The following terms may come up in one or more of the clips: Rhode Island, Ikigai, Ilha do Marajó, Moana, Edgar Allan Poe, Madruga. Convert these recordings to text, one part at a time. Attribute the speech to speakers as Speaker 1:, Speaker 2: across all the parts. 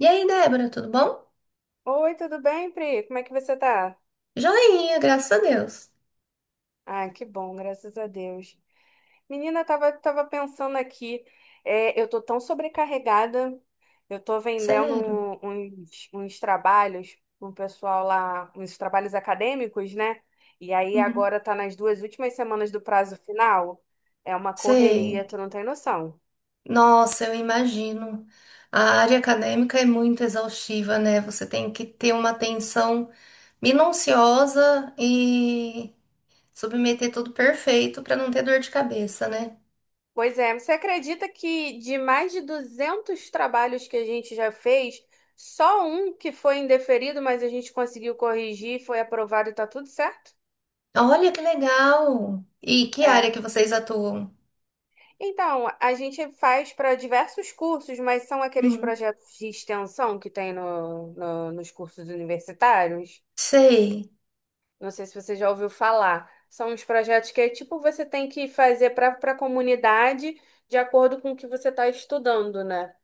Speaker 1: E aí, Débora, tudo bom?
Speaker 2: Oi, tudo bem, Pri? Como é que você tá?
Speaker 1: Joinha, graças a Deus.
Speaker 2: Ah, que bom, graças a Deus. Menina, eu tava pensando aqui, eu tô tão sobrecarregada, eu tô vendendo
Speaker 1: Sério.
Speaker 2: uns trabalhos com o pessoal lá, uns trabalhos acadêmicos, né? E aí
Speaker 1: Uhum.
Speaker 2: agora tá nas duas últimas semanas do prazo final, é uma
Speaker 1: Sei.
Speaker 2: correria, tu não tem noção.
Speaker 1: Nossa, eu imagino. A área acadêmica é muito exaustiva, né? Você tem que ter uma atenção minuciosa e submeter tudo perfeito para não ter dor de cabeça, né?
Speaker 2: Pois é, você acredita que de mais de 200 trabalhos que a gente já fez, só um que foi indeferido, mas a gente conseguiu corrigir, foi aprovado e tá tudo certo?
Speaker 1: Olha que legal! E que área
Speaker 2: É.
Speaker 1: que vocês atuam?
Speaker 2: Então, a gente faz para diversos cursos, mas são aqueles
Speaker 1: Uhum.
Speaker 2: projetos de extensão que tem nos cursos universitários.
Speaker 1: Sei.
Speaker 2: Não sei se você já ouviu falar. São uns projetos que é tipo você tem que fazer para a comunidade de acordo com o que você está estudando, né?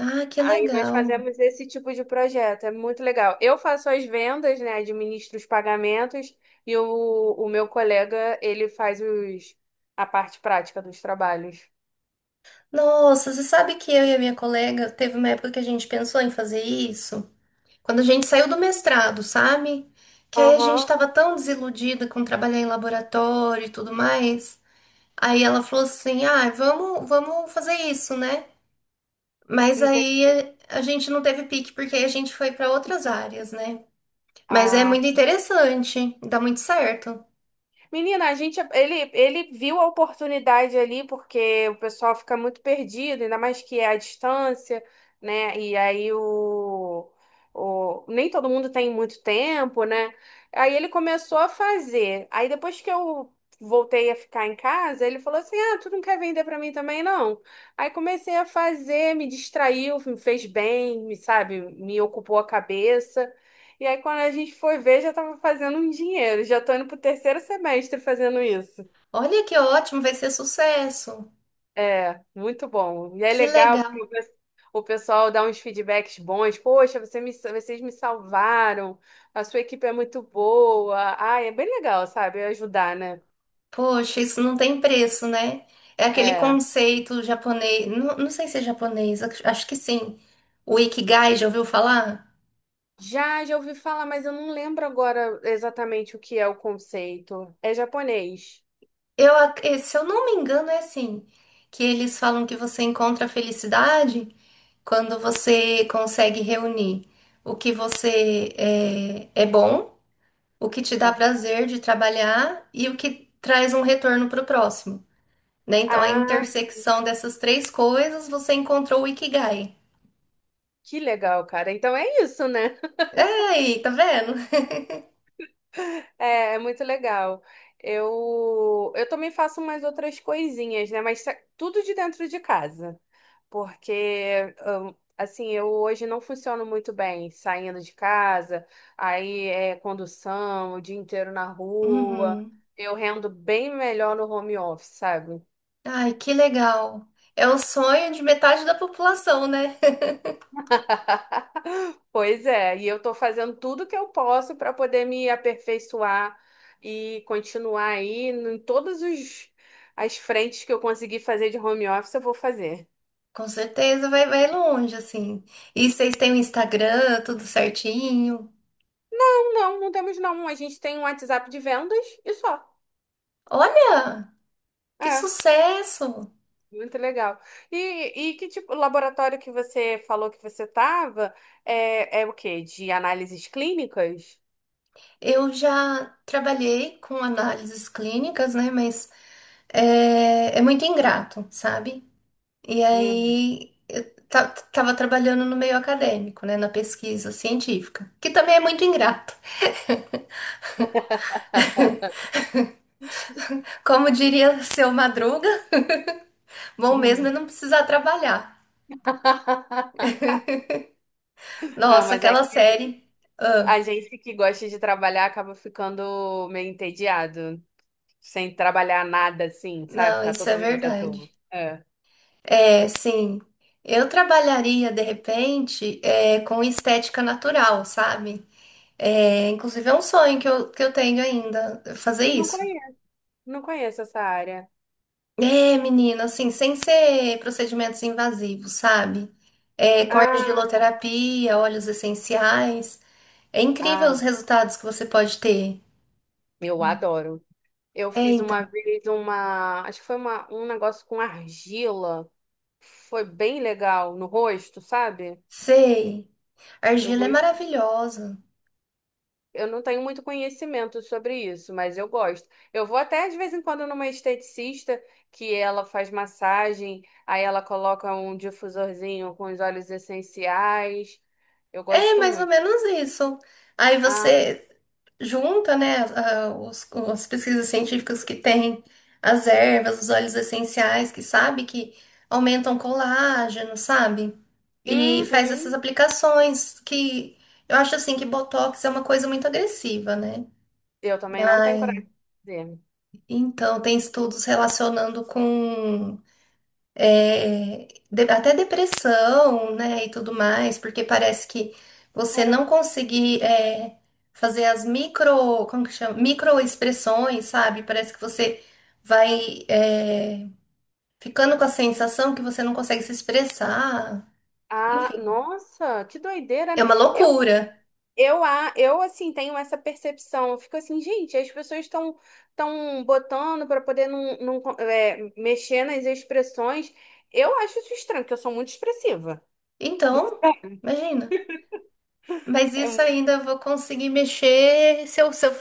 Speaker 1: Ah, que
Speaker 2: Aí nós
Speaker 1: legal.
Speaker 2: fazemos esse tipo de projeto, é muito legal. Eu faço as vendas, né? Administro os pagamentos e o meu colega, ele faz a parte prática dos trabalhos.
Speaker 1: Nossa, você sabe que eu e a minha colega teve uma época que a gente pensou em fazer isso? Quando a gente saiu do mestrado, sabe? Que aí a gente
Speaker 2: Aham,
Speaker 1: tava tão desiludida com trabalhar em laboratório e tudo mais. Aí ela falou assim: ah, vamos fazer isso, né? Mas aí
Speaker 2: entendi.
Speaker 1: a gente não teve pique, porque aí a gente foi para outras áreas, né? Mas é
Speaker 2: Ah,
Speaker 1: muito interessante, dá muito certo.
Speaker 2: menina, a gente, ele viu a oportunidade ali, porque o pessoal fica muito perdido, ainda mais que é à distância, né? E aí nem todo mundo tem muito tempo, né? Aí ele começou a fazer. Aí depois que eu voltei a ficar em casa, ele falou assim: ah, tu não quer vender pra mim também, não? Aí comecei a fazer, me distraiu, me fez bem, me, sabe, me ocupou a cabeça. E aí, quando a gente foi ver, já estava fazendo um dinheiro. Já estou indo para o terceiro semestre fazendo isso.
Speaker 1: Olha que ótimo, vai ser sucesso.
Speaker 2: É, muito bom. E é
Speaker 1: Que
Speaker 2: legal,
Speaker 1: legal.
Speaker 2: porque o pessoal dá uns feedbacks bons. Poxa, você me, vocês me salvaram. A sua equipe é muito boa. Ah, é bem legal, sabe? Ajudar, né?
Speaker 1: Poxa, isso não tem preço, né? É aquele
Speaker 2: É.
Speaker 1: conceito japonês. Não, não sei se é japonês, acho que sim. O Ikigai, já ouviu falar?
Speaker 2: Já, já ouvi falar, mas eu não lembro agora exatamente o que é o conceito. É japonês.
Speaker 1: Eu, se eu não me engano, é assim: que eles falam que você encontra a felicidade quando você consegue reunir o que você é bom, o que te dá
Speaker 2: Ó.
Speaker 1: prazer de trabalhar e o que traz um retorno para o próximo. Né? Então, a
Speaker 2: Ah,
Speaker 1: intersecção dessas três coisas, você encontrou o Ikigai.
Speaker 2: que legal, cara. Então é isso, né?
Speaker 1: Ei, tá vendo?
Speaker 2: É, é muito legal. Eu também faço umas outras coisinhas, né? Mas tudo de dentro de casa. Porque, assim, eu hoje não funciono muito bem saindo de casa, aí é condução, o dia inteiro na rua.
Speaker 1: Uhum.
Speaker 2: Eu rendo bem melhor no home office, sabe?
Speaker 1: Ai, que legal. É o sonho de metade da população, né?
Speaker 2: Pois é, e eu estou fazendo tudo que eu posso para poder me aperfeiçoar e continuar aí em as frentes que eu conseguir fazer de home office, eu vou fazer.
Speaker 1: Com certeza vai, vai longe, assim. E vocês têm o Instagram, tudo certinho.
Speaker 2: Não, temos não. A gente tem um WhatsApp de vendas e só.
Speaker 1: Olha, que
Speaker 2: É,
Speaker 1: sucesso!
Speaker 2: muito legal. E, e que tipo, o laboratório que você falou que você estava é o quê? De análises clínicas?
Speaker 1: Eu já trabalhei com análises clínicas, né? Mas é muito ingrato, sabe? E
Speaker 2: Hum.
Speaker 1: aí eu tava trabalhando no meio acadêmico, né? Na pesquisa científica, que também é muito ingrato. Como diria seu Madruga, bom mesmo é não precisar trabalhar.
Speaker 2: Não,
Speaker 1: Nossa,
Speaker 2: mas aí
Speaker 1: aquela série. Ah,
Speaker 2: a gente que gosta de trabalhar acaba ficando meio entediado, sem trabalhar nada assim, sabe?
Speaker 1: não,
Speaker 2: Ficar
Speaker 1: isso é
Speaker 2: totalmente à toa.
Speaker 1: verdade.
Speaker 2: É.
Speaker 1: É, sim. Eu trabalharia, de repente, com estética natural, sabe? É, inclusive, é um sonho que eu tenho ainda, fazer
Speaker 2: Não
Speaker 1: isso.
Speaker 2: conheço. Não conheço essa área.
Speaker 1: É, menina, assim, sem ser procedimentos invasivos, sabe? É, com
Speaker 2: Ah,
Speaker 1: argiloterapia, óleos essenciais. É incrível
Speaker 2: ah,
Speaker 1: os resultados que você pode ter.
Speaker 2: eu adoro. Eu
Speaker 1: É,
Speaker 2: fiz
Speaker 1: então.
Speaker 2: uma vez uma, acho que foi uma, um negócio com argila. Foi bem legal no rosto, sabe?
Speaker 1: Sei. A
Speaker 2: Eu
Speaker 1: argila é
Speaker 2: go-
Speaker 1: maravilhosa.
Speaker 2: Eu não tenho muito conhecimento sobre isso, mas eu gosto. Eu vou até de vez em quando numa esteticista que ela faz massagem, aí ela coloca um difusorzinho com os óleos essenciais. Eu
Speaker 1: É
Speaker 2: gosto
Speaker 1: mais ou
Speaker 2: muito.
Speaker 1: menos isso. Aí
Speaker 2: Ah,
Speaker 1: você junta, né, as pesquisas científicas que tem, as ervas, os óleos essenciais, que sabe que aumentam colágeno, sabe? E faz essas
Speaker 2: uhum.
Speaker 1: aplicações que eu acho assim que Botox é uma coisa muito agressiva, né?
Speaker 2: Eu também não tenho
Speaker 1: Mas
Speaker 2: coragem de fazer.
Speaker 1: então tem estudos relacionando com até depressão, né, e tudo mais, porque parece que você não
Speaker 2: Caramba.
Speaker 1: conseguir fazer as micro, como que chama? Microexpressões, sabe? Parece que você vai ficando com a sensação que você não consegue se expressar.
Speaker 2: Ah,
Speaker 1: Enfim,
Speaker 2: nossa, que doideira.
Speaker 1: é
Speaker 2: Né?
Speaker 1: uma loucura.
Speaker 2: Eu assim, tenho essa percepção. Eu fico assim, gente, as pessoas estão tão botando para poder não, não, é, mexer nas expressões. Eu acho isso estranho, porque eu sou muito expressiva.
Speaker 1: Então, imagina. Mas
Speaker 2: É
Speaker 1: isso
Speaker 2: mu-
Speaker 1: ainda eu vou conseguir mexer se eu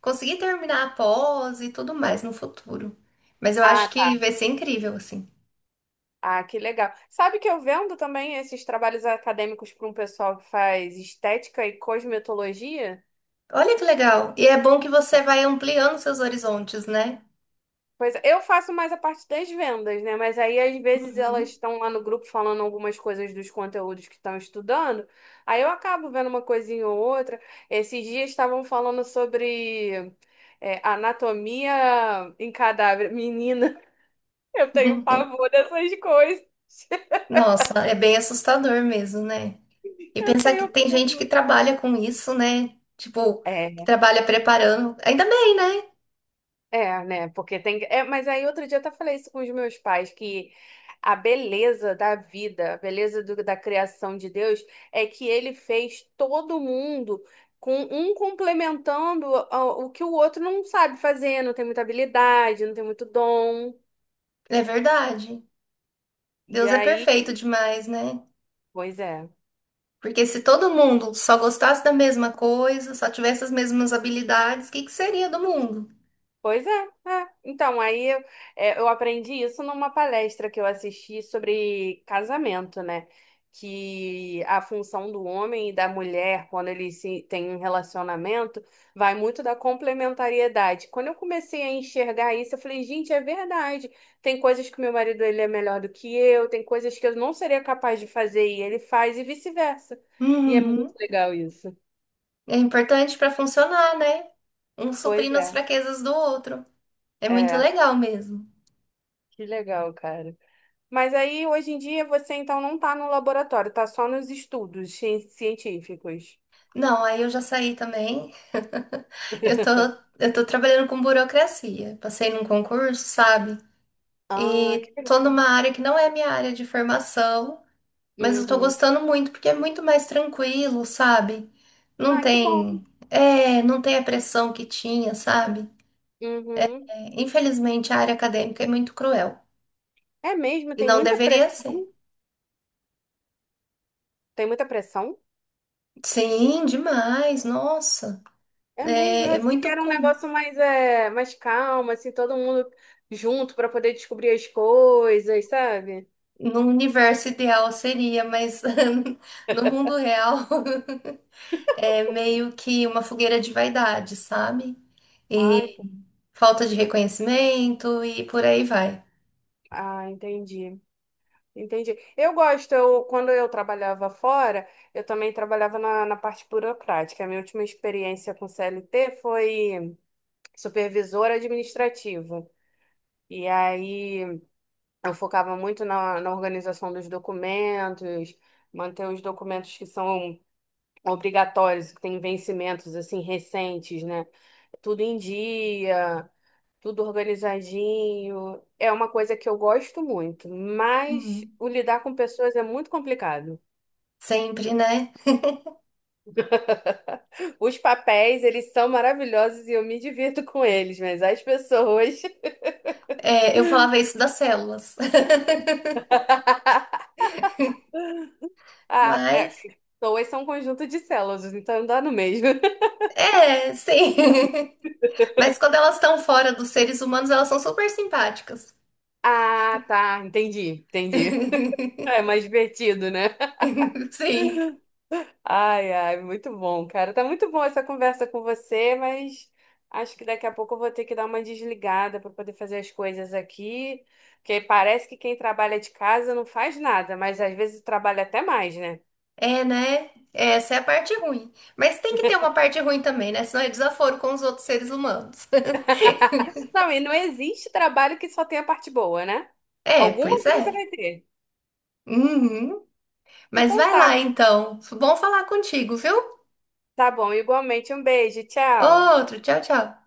Speaker 1: conseguir terminar a pós e tudo mais no futuro. Mas eu
Speaker 2: ah,
Speaker 1: acho que
Speaker 2: tá.
Speaker 1: vai ser incrível, assim.
Speaker 2: Ah, que legal. Sabe que eu vendo também esses trabalhos acadêmicos para um pessoal que faz estética e cosmetologia?
Speaker 1: Olha que legal. E é bom que você vai ampliando seus horizontes, né?
Speaker 2: Pois é, eu faço mais a parte das vendas, né? Mas aí às vezes elas
Speaker 1: Uhum.
Speaker 2: estão lá no grupo falando algumas coisas dos conteúdos que estão estudando. Aí eu acabo vendo uma coisinha ou outra. Esses dias estavam falando sobre anatomia em cadáver. Menina, eu tenho pavor dessas coisas.
Speaker 1: Nossa, é bem assustador mesmo, né? E
Speaker 2: Eu
Speaker 1: pensar que
Speaker 2: tenho
Speaker 1: tem gente que
Speaker 2: pavor.
Speaker 1: trabalha com isso, né? Tipo, que
Speaker 2: É,
Speaker 1: trabalha preparando. Ainda bem, né?
Speaker 2: é, né? Porque tem. É, mas aí outro dia eu até falei isso com os meus pais, que a beleza da vida, a beleza da criação de Deus é que ele fez todo mundo com um complementando o que o outro não sabe fazer, não tem muita habilidade, não tem muito dom.
Speaker 1: É verdade.
Speaker 2: E
Speaker 1: Deus é perfeito
Speaker 2: aí,
Speaker 1: demais, né?
Speaker 2: pois é.
Speaker 1: Porque se todo mundo só gostasse da mesma coisa, só tivesse as mesmas habilidades, o que que seria do mundo?
Speaker 2: Pois é, é. Então, eu aprendi isso numa palestra que eu assisti sobre casamento, né? Que a função do homem e da mulher, quando eles têm um relacionamento, vai muito da complementariedade. Quando eu comecei a enxergar isso, eu falei, gente, é verdade. Tem coisas que meu marido ele é melhor do que eu, tem coisas que eu não seria capaz de fazer e ele faz, e vice-versa. E é muito
Speaker 1: Uhum.
Speaker 2: legal isso.
Speaker 1: É importante para funcionar, né? Um
Speaker 2: Pois
Speaker 1: suprindo as
Speaker 2: é,
Speaker 1: fraquezas do outro. É muito
Speaker 2: é,
Speaker 1: legal mesmo.
Speaker 2: que legal, cara. Mas aí, hoje em dia, você então não está no laboratório, está só nos estudos científicos.
Speaker 1: Não, aí eu já saí também. Eu tô, eu tô trabalhando com burocracia. Passei num concurso, sabe?
Speaker 2: Ah, que
Speaker 1: E tô
Speaker 2: legal.
Speaker 1: numa área que não é minha área de formação, mas eu tô
Speaker 2: Uhum.
Speaker 1: gostando muito porque é muito mais tranquilo, sabe? Não
Speaker 2: Ah, que bom.
Speaker 1: tem, não tem a pressão que tinha, sabe?
Speaker 2: Uhum.
Speaker 1: É, infelizmente, a área acadêmica é muito cruel
Speaker 2: É mesmo,
Speaker 1: e
Speaker 2: tem
Speaker 1: não
Speaker 2: muita
Speaker 1: deveria
Speaker 2: pressão.
Speaker 1: ser.
Speaker 2: Tem muita pressão?
Speaker 1: Sim, demais, nossa.
Speaker 2: É mesmo,
Speaker 1: É,
Speaker 2: eu
Speaker 1: é
Speaker 2: achei que
Speaker 1: muito
Speaker 2: era um
Speaker 1: comum.
Speaker 2: negócio mais calmo, assim, todo mundo junto para poder descobrir as coisas, sabe?
Speaker 1: No universo ideal seria, mas no mundo real é meio que uma fogueira de vaidade, sabe?
Speaker 2: Ai,
Speaker 1: E
Speaker 2: pô,
Speaker 1: falta de reconhecimento e por aí vai.
Speaker 2: ah, entendi. Entendi. Quando eu trabalhava fora, eu também trabalhava na parte burocrática. A minha última experiência com CLT foi supervisora administrativa. E aí eu focava muito na organização dos documentos, manter os documentos que são obrigatórios, que têm vencimentos assim recentes, né? Tudo em dia, tudo organizadinho. É uma coisa que eu gosto muito, mas
Speaker 1: Uhum.
Speaker 2: o lidar com pessoas é muito complicado.
Speaker 1: Sempre, né?
Speaker 2: Os papéis, eles são maravilhosos e eu me divirto com eles, mas as pessoas.
Speaker 1: É, eu falava isso das células.
Speaker 2: Ah, é,
Speaker 1: Mas,
Speaker 2: que pessoas são um conjunto de células, então dá no mesmo.
Speaker 1: é, sim. Mas quando elas estão fora dos seres humanos, elas são super simpáticas.
Speaker 2: Ah, tá, entendi, entendi. É mais divertido, né?
Speaker 1: Sim.
Speaker 2: Ai, ai, muito bom, cara. Tá muito bom essa conversa com você, mas acho que daqui a pouco eu vou ter que dar uma desligada para poder fazer as coisas aqui, porque parece que quem trabalha de casa não faz nada, mas às vezes trabalha até mais, né?
Speaker 1: É, né? Essa é a parte ruim. Mas tem que ter uma parte ruim também, né? Senão é desaforo com os outros seres humanos.
Speaker 2: Não, e não existe trabalho que só tenha parte boa, né?
Speaker 1: É,
Speaker 2: Alguma
Speaker 1: pois
Speaker 2: coisa
Speaker 1: é.
Speaker 2: vai ter.
Speaker 1: Uhum. Mas
Speaker 2: Então
Speaker 1: vai
Speaker 2: tá,
Speaker 1: lá então. Bom falar contigo, viu?
Speaker 2: tá bom, igualmente. Um beijo, tchau.
Speaker 1: Outro, tchau, tchau.